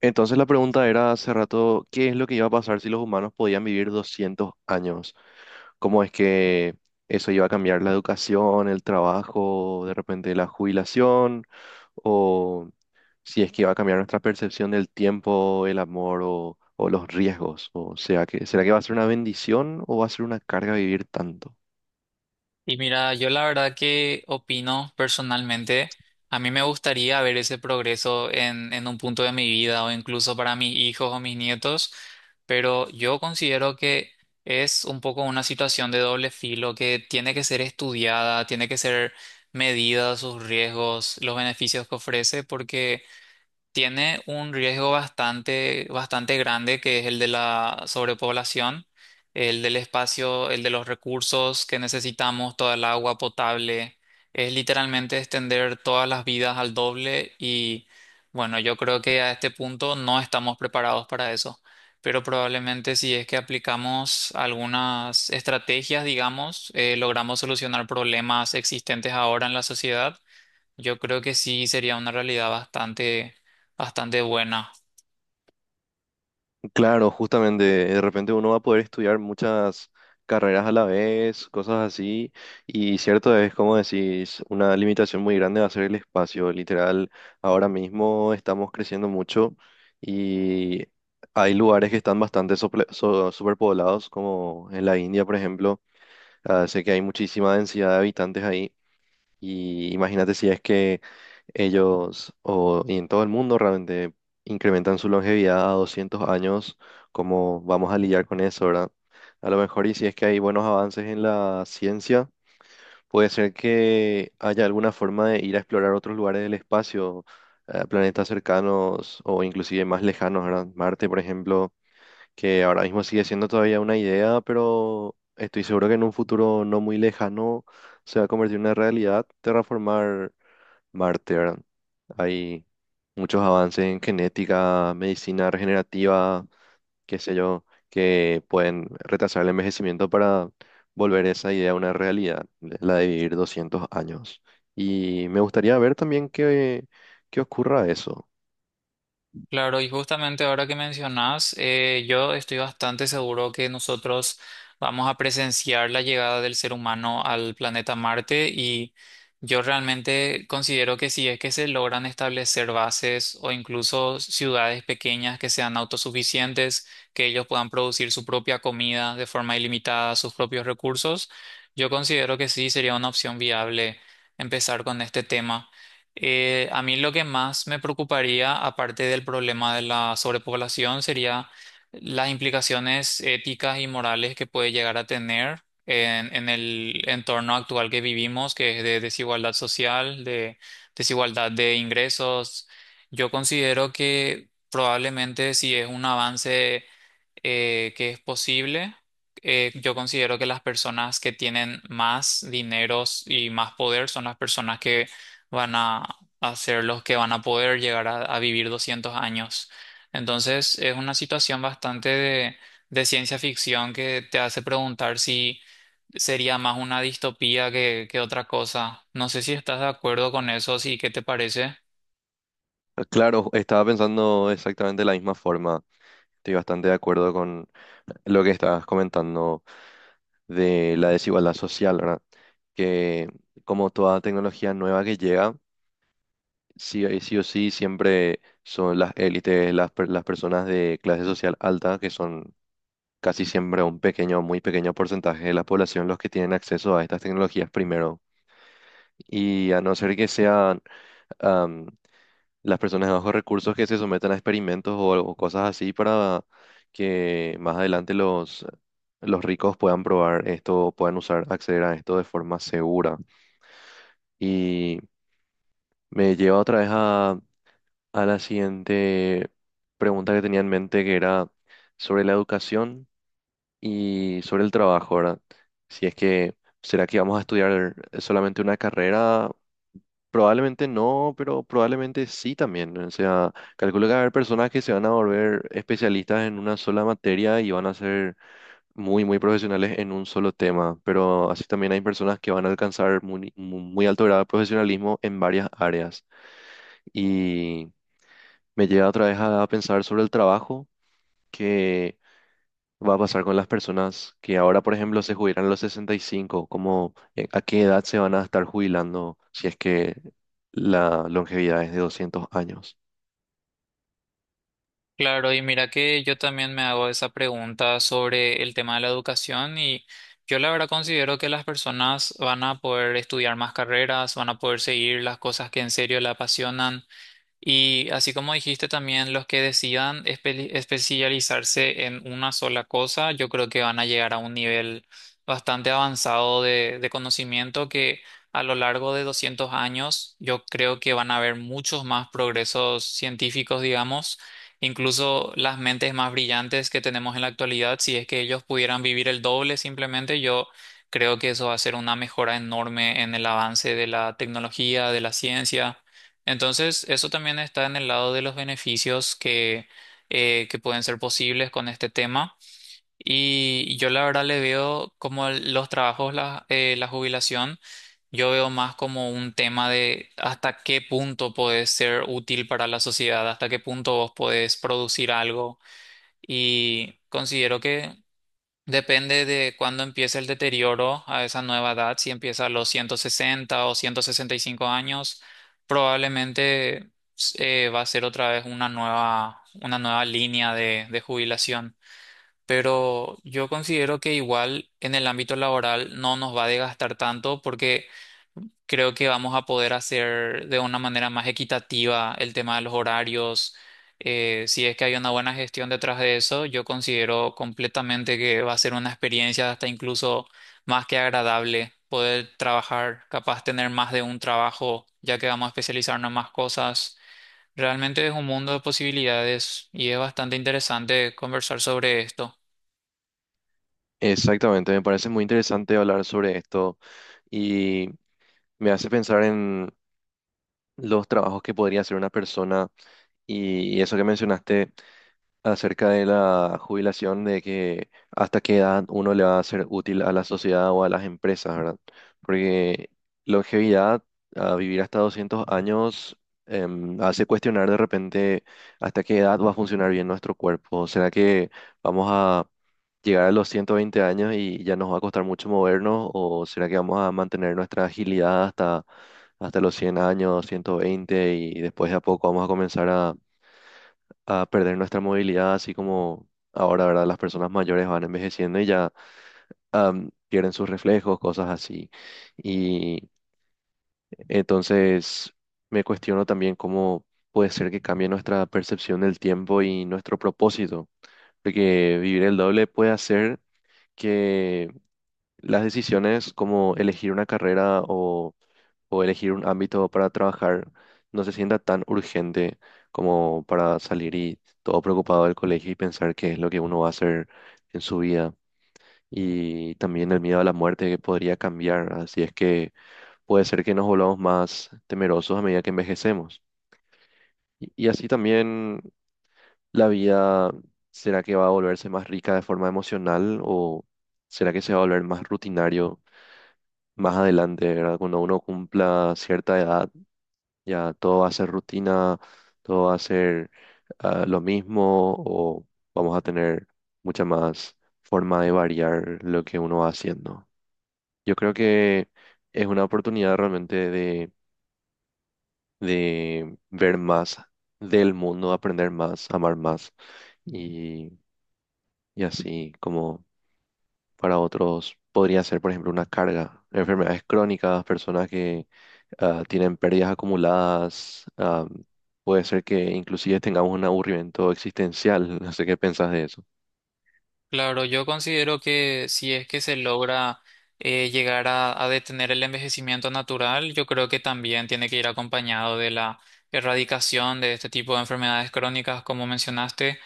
Entonces la pregunta era hace rato, ¿qué es lo que iba a pasar si los humanos podían vivir 200 años? ¿Cómo es que eso iba a cambiar la educación, el trabajo, de repente la jubilación? ¿O si es que iba a cambiar nuestra percepción del tiempo, el amor o los riesgos? O sea, que ¿será que va a ser una bendición o va a ser una carga vivir tanto? Y mira, yo la verdad que opino personalmente, a mí me gustaría ver ese progreso en un punto de mi vida o incluso para mis hijos o mis nietos, pero yo considero que es un poco una situación de doble filo que tiene que ser estudiada, tiene que ser medida sus riesgos, los beneficios que ofrece, porque tiene un riesgo bastante grande, que es el de la sobrepoblación, el del espacio, el de los recursos que necesitamos, toda el agua potable. Es literalmente extender todas las vidas al doble y bueno, yo creo que a este punto no estamos preparados para eso. Pero probablemente si es que aplicamos algunas estrategias, digamos, logramos solucionar problemas existentes ahora en la sociedad, yo creo que sí sería una realidad bastante buena. Claro, justamente, de repente uno va a poder estudiar muchas carreras a la vez, cosas así, y cierto es, como decís, una limitación muy grande va a ser el espacio, literal, ahora mismo estamos creciendo mucho y hay lugares que están bastante superpoblados, como en la India, por ejemplo. Ah, sé que hay muchísima densidad de habitantes ahí, y imagínate si es que ellos o y en todo el mundo realmente incrementan su longevidad a 200 años. ¿Cómo vamos a lidiar con eso, verdad? A lo mejor, y si es que hay buenos avances en la ciencia, puede ser que haya alguna forma de ir a explorar otros lugares del espacio, planetas cercanos o inclusive más lejanos, ¿verdad? Marte, por ejemplo, que ahora mismo sigue siendo todavía una idea, pero estoy seguro que en un futuro no muy lejano se va a convertir en una realidad terraformar Marte, ¿verdad? Hay muchos avances en genética, medicina regenerativa, qué sé yo, que pueden retrasar el envejecimiento para volver esa idea una realidad, la de vivir 200 años. Y me gustaría ver también qué, qué ocurra eso. Claro, y justamente ahora que mencionas, yo estoy bastante seguro que nosotros vamos a presenciar la llegada del ser humano al planeta Marte, y yo realmente considero que si es que se logran establecer bases o incluso ciudades pequeñas que sean autosuficientes, que ellos puedan producir su propia comida de forma ilimitada, sus propios recursos, yo considero que sí sería una opción viable empezar con este tema. A mí lo que más me preocuparía, aparte del problema de la sobrepoblación, sería las implicaciones éticas y morales que puede llegar a tener en el entorno actual que vivimos, que es de desigualdad social, de desigualdad de ingresos. Yo considero que probablemente si es un avance que es posible. Yo considero que las personas que tienen más dineros y más poder son las personas que van a, a ser los que van a poder a vivir 200 años. Entonces es una situación bastante de ciencia ficción que te hace preguntar si sería más una distopía que otra cosa. No sé si estás de acuerdo con eso, sí, ¿qué te parece? Claro, estaba pensando exactamente de la misma forma. Estoy bastante de acuerdo con lo que estabas comentando de la desigualdad social, ¿verdad? Que como toda tecnología nueva que llega, sí, sí o sí siempre son las élites, las personas de clase social alta, que son casi siempre un pequeño, muy pequeño porcentaje de la población, los que tienen acceso a estas tecnologías primero. Y a no ser que sean las personas de bajos recursos que se sometan a experimentos o cosas así, para que más adelante los ricos puedan probar esto, puedan usar, acceder a esto de forma segura. Y me lleva otra vez a la siguiente pregunta que tenía en mente, que era sobre la educación y sobre el trabajo, ¿verdad? Si es que ¿será que vamos a estudiar solamente una carrera? Probablemente no, pero probablemente sí también, ¿no? O sea, calculo que va a haber personas que se van a volver especialistas en una sola materia y van a ser muy, muy profesionales en un solo tema. Pero así también hay personas que van a alcanzar muy, muy alto grado de profesionalismo en varias áreas. Y me lleva otra vez a pensar sobre el trabajo, que va a pasar con las personas que ahora, por ejemplo, se jubilan a los sesenta y cinco, como ¿a qué edad se van a estar jubilando si es que la longevidad es de doscientos años? Claro, y mira que yo también me hago esa pregunta sobre el tema de la educación, y yo la verdad considero que las personas van a poder estudiar más carreras, van a poder seguir las cosas que en serio le apasionan. Y así como dijiste también, los que decidan especializarse en una sola cosa, yo creo que van a llegar a un nivel bastante avanzado de conocimiento que a lo largo de 200 años yo creo que van a haber muchos más progresos científicos, digamos, incluso las mentes más brillantes que tenemos en la actualidad, si es que ellos pudieran vivir el doble simplemente, yo creo que eso va a ser una mejora enorme en el avance de la tecnología, de la ciencia. Entonces, eso también está en el lado de los beneficios que pueden ser posibles con este tema. Y yo la verdad le veo como los trabajos, la jubilación, yo veo más como un tema de hasta qué punto podés ser útil para la sociedad, hasta qué punto vos podés producir algo. Y considero que depende de cuándo empiece el deterioro a esa nueva edad. Si empieza a los 160 o 165 años, probablemente va a ser otra vez una nueva línea de jubilación. Pero yo considero que igual en el ámbito laboral no nos va a desgastar tanto porque creo que vamos a poder hacer de una manera más equitativa el tema de los horarios. Si es que hay una buena gestión detrás de eso, yo considero completamente que va a ser una experiencia hasta incluso más que agradable poder trabajar, capaz tener más de un trabajo, ya que vamos a especializarnos en más cosas. Realmente es un mundo de posibilidades y es bastante interesante conversar sobre esto. Exactamente, me parece muy interesante hablar sobre esto, y me hace pensar en los trabajos que podría hacer una persona, y eso que mencionaste acerca de la jubilación, de que hasta qué edad uno le va a ser útil a la sociedad o a las empresas, ¿verdad? Porque longevidad, a vivir hasta 200 años, em, hace cuestionar de repente hasta qué edad va a funcionar bien nuestro cuerpo. ¿Será que vamos a llegar a los 120 años y ya nos va a costar mucho movernos? ¿O será que vamos a mantener nuestra agilidad hasta, hasta los 100 años, ciento veinte, y después de a poco vamos a comenzar a perder nuestra movilidad, así como ahora, ¿verdad? Las personas mayores van envejeciendo y ya am, pierden sus reflejos, cosas así. Y entonces me cuestiono también cómo puede ser que cambie nuestra percepción del tiempo y nuestro propósito, porque vivir el doble puede hacer que las decisiones, como elegir una carrera o elegir un ámbito para trabajar, no se sienta tan urgente como para salir y todo preocupado del colegio y pensar qué es lo que uno va a hacer en su vida. Y también el miedo a la muerte que podría cambiar, así es que puede ser que nos volvamos más temerosos a medida que envejecemos. Y así también la vida, ¿será que va a volverse más rica de forma emocional, o será que se va a volver más rutinario más adelante? ¿Verdad? Cuando uno cumpla cierta edad, ya todo va a ser rutina, todo va a ser ah, lo mismo, o vamos a tener mucha más forma de variar lo que uno va haciendo. Yo creo que es una oportunidad realmente de ver más del mundo, aprender más, amar más. Y y así como para otros podría ser, por ejemplo, una carga, enfermedades crónicas, personas ah, tienen pérdidas acumuladas, ah, puede ser que inclusive tengamos un aburrimiento existencial, no sé qué pensás de eso. Claro, yo considero que si es que se logra llegar a detener el envejecimiento natural, yo creo que también tiene que ir acompañado de la erradicación de este tipo de enfermedades crónicas, como mencionaste,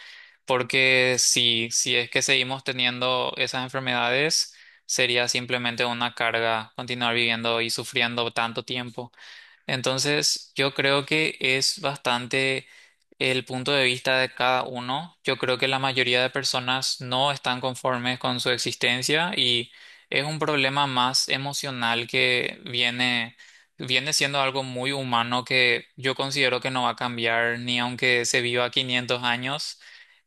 porque si es que seguimos teniendo esas enfermedades, sería simplemente una carga continuar viviendo y sufriendo tanto tiempo. Entonces, yo creo que es bastante el punto de vista de cada uno. Yo creo que la mayoría de personas no están conformes con su existencia, y es un problema más emocional que viene siendo algo muy humano que yo considero que no va a cambiar ni aunque se viva 500 años.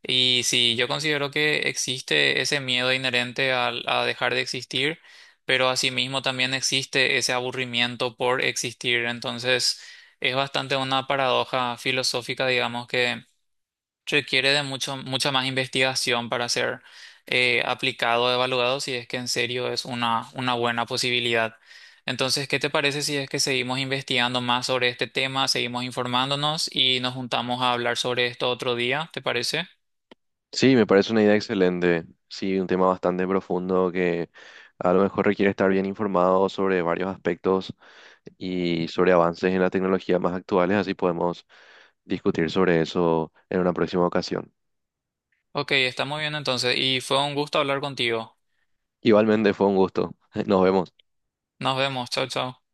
Y sí, yo considero que existe ese miedo inherente a dejar de existir, pero asimismo también existe ese aburrimiento por existir. Entonces, es bastante una paradoja filosófica, digamos, que requiere de mucha más investigación para ser aplicado o evaluado si es que en serio es una buena posibilidad. Entonces, ¿qué te parece si es que seguimos investigando más sobre este tema, seguimos informándonos y nos juntamos a hablar sobre esto otro día? ¿Te parece? Sí, me parece una idea excelente, sí, un tema bastante profundo que a lo mejor requiere estar bien informado sobre varios aspectos y sobre avances en la tecnología más actuales, así podemos discutir sobre eso en una próxima ocasión. Ok, está muy bien entonces y fue un gusto hablar contigo. Igualmente fue un gusto, nos vemos. Nos vemos, chao, chao.